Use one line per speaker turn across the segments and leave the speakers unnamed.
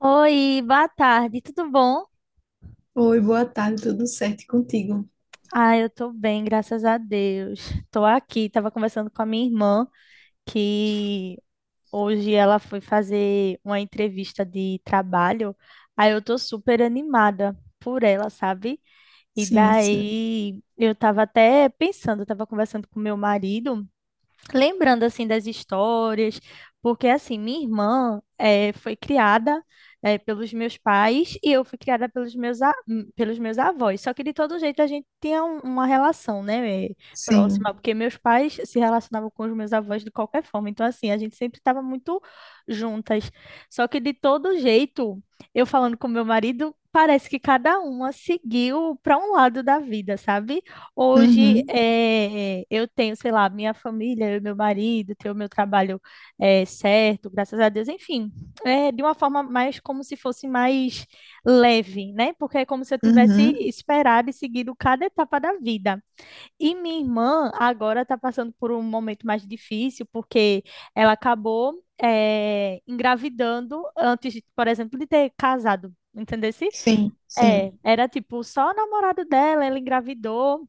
Oi, boa tarde, tudo bom?
Oi, boa tarde, tudo certo e contigo?
Ah, eu tô bem, graças a Deus. Tô aqui, tava conversando com a minha irmã, que hoje ela foi fazer uma entrevista de trabalho. Aí eu tô super animada por ela, sabe? E
Sim, sim,
daí eu tava até pensando, eu tava conversando com meu marido, lembrando assim das histórias, porque assim, minha irmã foi criada pelos meus pais e eu fui criada pelos meus, pelos meus avós. Só que de todo jeito a gente tinha uma relação, né, próxima,
sim.
porque meus pais se relacionavam com os meus avós de qualquer forma. Então assim, a gente sempre estava muito juntas. Só que de todo jeito, eu falando com meu marido, parece que cada uma seguiu para um lado da vida, sabe? Hoje
Uhum,
eu tenho, sei lá, minha família, eu e meu marido, tenho meu trabalho certo, graças a Deus, enfim, é de uma forma mais como se fosse mais leve, né? Porque é como se eu tivesse
uhum.
esperado e seguido cada etapa da vida. E minha irmã agora está passando por um momento mais difícil, porque ela acabou engravidando antes, de, por exemplo, de ter casado. Entendesse?
Sim, sim.
É, era tipo só o namorado dela, ela engravidou.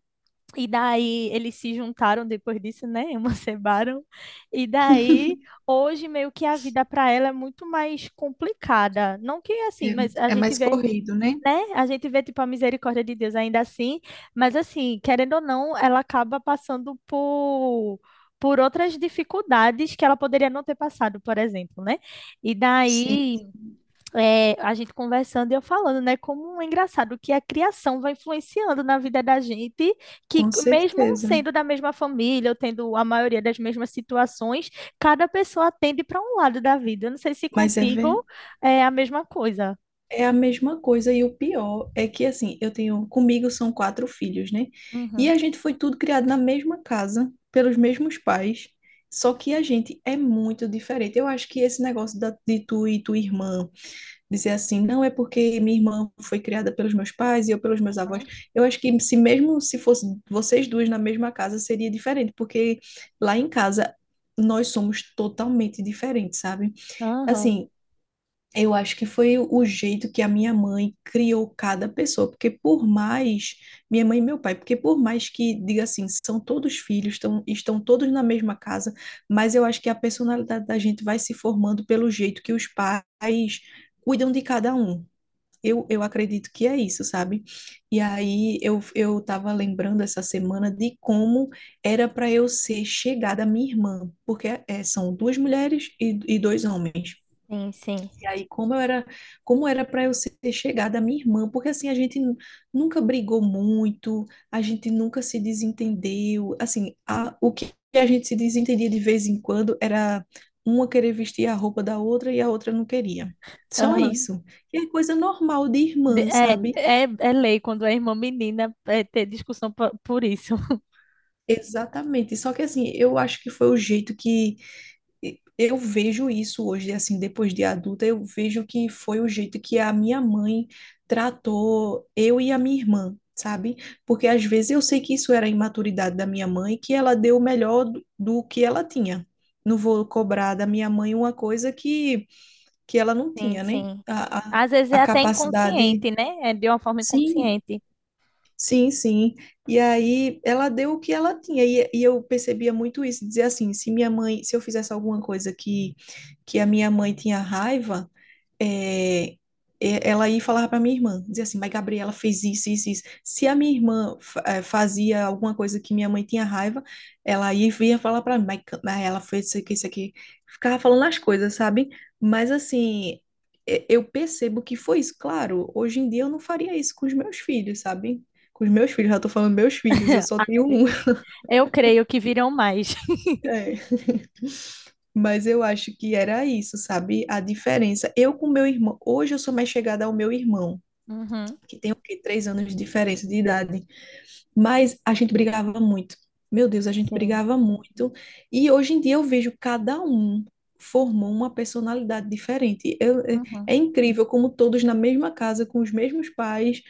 E daí eles se juntaram depois disso, né? Emanciparam. E daí, hoje meio que a vida para ela é muito mais complicada. Não que assim,
É,
mas a
é
gente
mais
vê,
corrido, né?
né? A gente vê tipo a misericórdia de Deus ainda assim, mas assim, querendo ou não, ela acaba passando por outras dificuldades que ela poderia não ter passado, por exemplo, né? E
Sim,
daí é, a gente conversando e eu falando, né? Como é engraçado que a criação vai influenciando na vida da gente, que
com
mesmo
certeza.
sendo da mesma família, ou tendo a maioria das mesmas situações, cada pessoa tende para um lado da vida. Eu não sei se
Mas é, ver-
contigo é a mesma coisa.
É a mesma coisa, e o pior é que, assim, eu tenho, comigo são quatro filhos, né? E
Uhum.
a gente foi tudo criado na mesma casa, pelos mesmos pais, só que a gente é muito diferente. Eu acho que esse negócio de tu e tua irmã dizer assim, não é porque minha irmã foi criada pelos meus pais e eu pelos meus avós. Eu acho que se mesmo se fosse vocês duas na mesma casa seria diferente, porque lá em casa nós somos totalmente diferentes, sabe?
Aham.
Assim, eu acho que foi o jeito que a minha mãe criou cada pessoa, porque por mais minha mãe e meu pai, porque por mais que diga assim, são todos filhos, estão todos na mesma casa, mas eu acho que a personalidade da gente vai se formando pelo jeito que os pais cuidam de cada um. Eu acredito que é isso, sabe? E aí eu tava lembrando essa semana de como era para eu ser chegada à minha irmã, porque é, são duas mulheres e dois homens.
Sim, sim.
E aí, como eu era, como era para eu ser chegada à minha irmã, porque assim nunca brigou muito, a gente nunca se desentendeu. Assim, o que a gente se desentendia de vez em quando era uma querer vestir a roupa da outra e a outra não queria. Só isso. E é coisa normal de
De-
irmã,
É,
sabe?
é, é lei quando é irmã menina é ter discussão po- por isso.
Exatamente. Só que assim, eu acho que foi o jeito que E eu vejo isso hoje, assim, depois de adulta, eu vejo que foi o jeito que a minha mãe tratou eu e a minha irmã, sabe? Porque às vezes eu sei que isso era a imaturidade da minha mãe, que ela deu o melhor do que ela tinha. Não vou cobrar da minha mãe uma coisa que ela não
Sim,
tinha, né?
sim. Às vezes é
A
até
capacidade.
inconsciente, né? É de uma forma
Sim,
inconsciente.
sim, sim. E aí ela deu o que ela tinha. E eu percebia muito isso, dizer assim, se minha mãe, se eu fizesse alguma coisa que a minha mãe tinha raiva, é, ela ia falar para minha irmã, dizia assim, mas Gabriela fez isso, isso, isso. Se a minha irmã fazia alguma coisa que minha mãe tinha raiva, ela ia vir e ia falar para mim, mas ela fez isso aqui, isso aqui. Ficava falando as coisas, sabe? Mas assim, eu percebo que foi isso. Claro, hoje em dia eu não faria isso com os meus filhos, sabe? Com os meus filhos, já tô falando meus filhos, eu só tenho
Ai,
um.
eu creio que virão mais.
É. Mas eu acho que era isso, sabe? A diferença. Eu com meu irmão, hoje eu sou mais chegada ao meu irmão,
Uhum.
que tem o quê? 3 anos de diferença de idade. Mas a gente brigava muito. Meu Deus, a gente
Sim.
brigava muito. E hoje em dia eu vejo cada um formou uma personalidade diferente. Eu, é,
Uhum.
é incrível como todos na mesma casa, com os mesmos pais,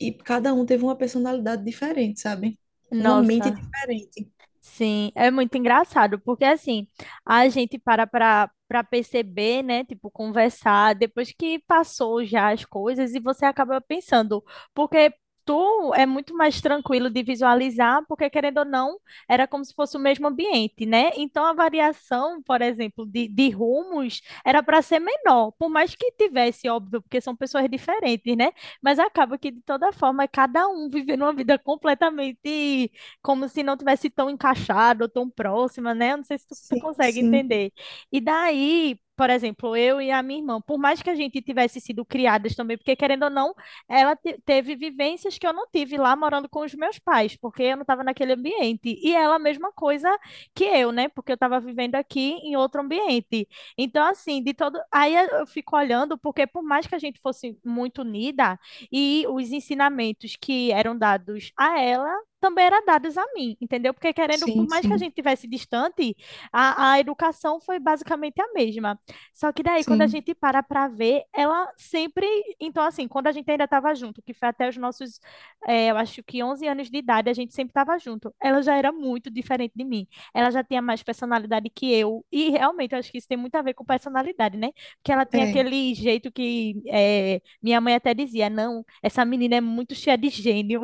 e cada um teve uma personalidade diferente, sabe? Uma mente
Nossa,
diferente.
sim, é muito engraçado, porque assim, a gente para perceber, né, tipo, conversar depois que passou já as coisas e você acaba pensando, porque tu é muito mais tranquilo de visualizar, porque querendo ou não, era como se fosse o mesmo ambiente, né? Então a variação, por exemplo, de rumos era para ser menor, por mais que tivesse, óbvio, porque são pessoas diferentes, né? Mas acaba que de toda forma, cada um vivendo uma vida completamente como se não tivesse tão encaixado ou tão próxima, né? Eu não sei se tu
Sim,
consegue
sim.
entender. E daí, por exemplo, eu e a minha irmã, por mais que a gente tivesse sido criadas também, porque querendo ou não, ela teve vivências que eu não tive lá morando com os meus pais, porque eu não estava naquele ambiente. E ela, a mesma coisa que eu, né? Porque eu estava vivendo aqui em outro ambiente. Então, assim, de todo. Aí eu fico olhando, porque por mais que a gente fosse muito unida, e os ensinamentos que eram dados a ela também eram dadas a mim, entendeu? Porque querendo, por
Sim,
mais que a
sim,
gente tivesse distante, a educação foi basicamente a mesma. Só que daí, quando a
sim.
gente para ver, ela sempre, então assim, quando a gente ainda estava junto, que foi até os nossos, eu acho que 11 anos de idade, a gente sempre estava junto. Ela já era muito diferente de mim. Ela já tinha mais personalidade que eu e realmente eu acho que isso tem muito a ver com personalidade, né? Porque ela tinha
É,
aquele jeito que minha mãe até dizia, não, essa menina é muito cheia de gênio.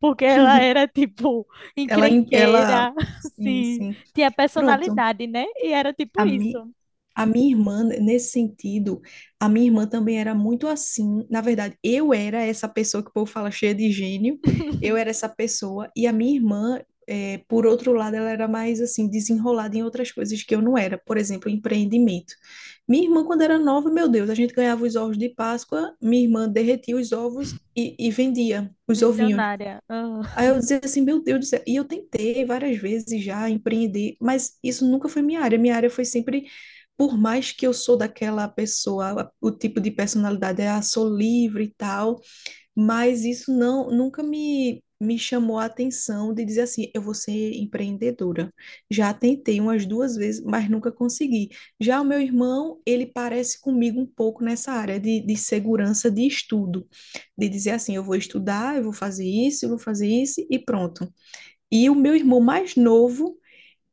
Porque ela era, tipo,
ela, ela,
encrenqueira,
sim,
assim,
sim.
tinha
Pronto.
personalidade, né? E era tipo
A, mi,
isso.
a minha irmã, né, nesse sentido, a minha irmã também era muito assim. Na verdade, eu era essa pessoa que o povo fala cheia de gênio. Eu era essa pessoa. E a minha irmã, é, por outro lado, ela era mais assim, desenrolada em outras coisas que eu não era. Por exemplo, empreendimento. Minha irmã, quando era nova, meu Deus, a gente ganhava os ovos de Páscoa, minha irmã derretia os ovos e vendia os ovinhos.
Visionária. Ah,
Aí eu dizia assim, meu Deus do céu. E eu tentei várias vezes já empreender, mas isso nunca foi minha área. Minha área foi sempre, por mais que eu sou daquela pessoa, o tipo de personalidade é, ah, sou livre e tal, mas isso não, nunca me chamou a atenção de dizer assim, eu vou ser empreendedora. Já tentei umas duas vezes, mas nunca consegui. Já o meu irmão, ele parece comigo um pouco nessa área de segurança de estudo, de dizer assim, eu vou estudar, eu vou fazer isso, eu vou fazer isso e pronto. E o meu irmão mais novo,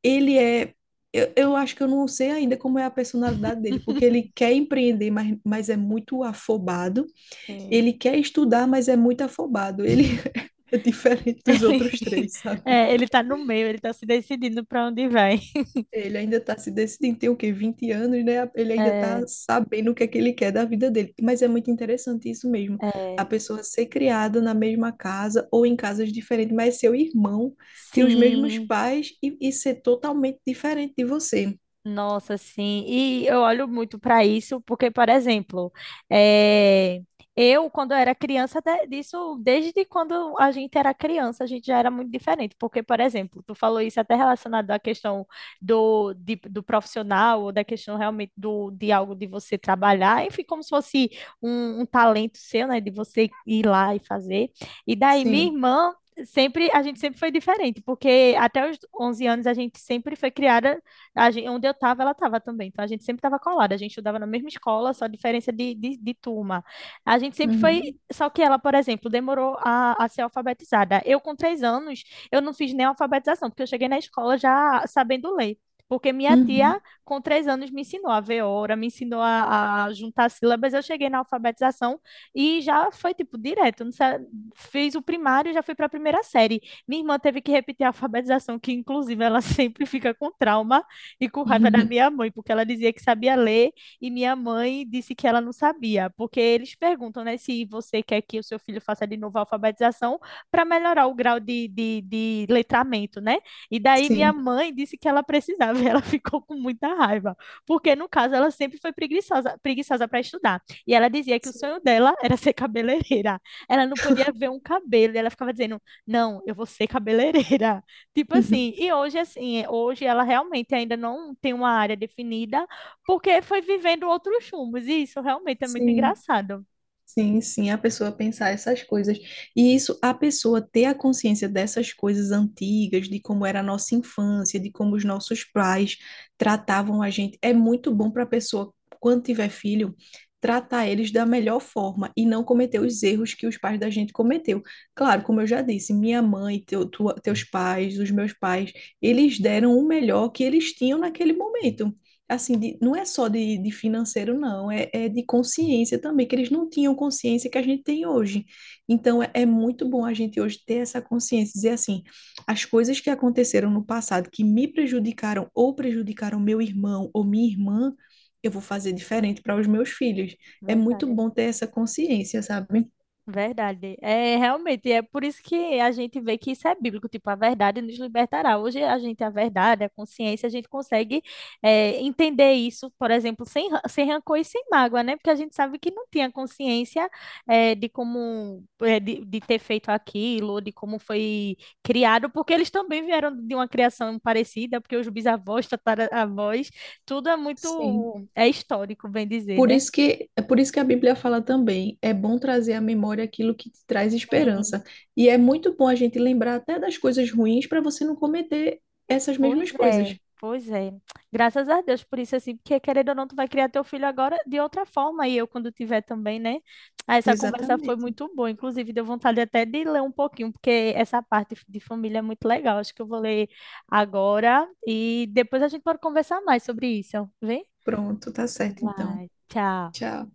ele é eu acho que eu não sei ainda como é a personalidade dele, porque ele quer empreender, mas é muito afobado.
sim.
Ele quer estudar, mas é muito afobado. Ele é diferente
Ele,
dos outros três, sabe?
é, ele tá no meio, ele tá se decidindo pra onde vai.
Ele ainda está se decidindo, tem o quê? 20 anos, né? Ele ainda está
É,
sabendo o que é que ele quer da vida dele. Mas é muito interessante isso mesmo.
é.
A pessoa ser criada na mesma casa ou em casas diferentes, mas seu irmão ter os mesmos
Sim.
pais e ser totalmente diferente de você.
Nossa, sim. E eu olho muito para isso, porque, por exemplo, eh, eu, quando era criança, disso, desde quando a gente era criança, a gente já era muito diferente. Porque, por exemplo, tu falou isso até relacionado à questão do profissional, ou da questão realmente do, de algo de você trabalhar, enfim, como se fosse um talento seu, né, de você ir lá e fazer. E daí, minha
Sim.
irmã. Sempre, a gente sempre foi diferente, porque até os 11 anos a gente sempre foi criada, a gente, onde eu estava, ela estava também. Então a gente sempre estava colada. A gente estudava na mesma escola, só diferença de turma. A gente sempre foi.
Uhum.
Só que ela, por exemplo, demorou a ser alfabetizada. Eu, com três anos, eu não fiz nem alfabetização, porque eu cheguei na escola já sabendo ler porque minha tia,
Uhum.
com três anos, me ensinou a ver hora, me ensinou juntar sílabas. Eu cheguei na alfabetização e já foi, tipo, direto. Não sei, fiz o primário e já fui para a primeira série. Minha irmã teve que repetir a alfabetização, que, inclusive, ela sempre fica com trauma, e com raiva da minha mãe, porque ela dizia que sabia ler e minha mãe disse que ela não sabia, porque eles perguntam, né, se você quer que o seu filho faça de novo a alfabetização para melhorar o grau de letramento, né? E daí minha
Sim.
mãe disse que ela precisava e ela ficou com muita raiva, porque no caso ela sempre foi preguiçosa, preguiçosa para estudar. E ela dizia que o sonho
Sim.
dela era ser cabeleireira. Ela não podia ver um cabelo, e ela ficava dizendo: "Não, eu vou ser cabeleireira". Tipo assim, e hoje assim, é, hoje ela realmente ainda não tem uma área definida, porque foi vivendo outros rumos, e isso realmente é muito
Sim.
engraçado.
Sim, sim, a pessoa pensar essas coisas. E isso, a pessoa ter a consciência dessas coisas antigas, de como era a nossa infância, de como os nossos pais tratavam a gente, é muito bom para a pessoa, quando tiver filho, tratar eles da melhor forma e não cometer os erros que os pais da gente cometeu. Claro, como eu já disse, minha mãe, teus pais, os meus pais, eles deram o melhor que eles tinham naquele momento assim, não é só de financeiro, não, é, é de consciência também, que eles não tinham consciência que a gente tem hoje. Então, é, é muito bom a gente hoje ter essa consciência, dizer assim, as coisas que aconteceram no passado que me prejudicaram ou prejudicaram meu irmão ou minha irmã, eu vou fazer diferente para os meus filhos. É muito bom ter essa consciência, sabe?
Verdade. É realmente, é por isso que a gente vê que isso é bíblico, tipo, a verdade nos libertará. Hoje a gente, a verdade, a consciência, a gente consegue é, entender isso, por exemplo, sem, ra- sem rancor e sem mágoa, né? Porque a gente sabe que não tinha consciência é, de como, é, de ter feito aquilo, ou de como foi criado, porque eles também vieram de uma criação parecida, porque os bisavós, tataravós, tudo é
Sim.
muito, é histórico, bem dizer,
Por isso que, é por isso que a Bíblia fala também, é bom trazer à memória aquilo que te traz
né?
esperança. E é muito bom a gente lembrar até das coisas ruins para você não cometer essas mesmas
Pois é,
coisas.
pois é. Graças a Deus por isso, assim, porque querendo ou não, tu vai criar teu filho agora de outra forma, e eu quando tiver também, né? Ah, essa conversa foi
Exatamente.
muito boa, inclusive deu vontade até de ler um pouquinho, porque essa parte de família é muito legal. Acho que eu vou ler agora e depois a gente pode conversar mais sobre isso. Vem?
Pronto, tá certo então.
Vai, tchau.
Tchau.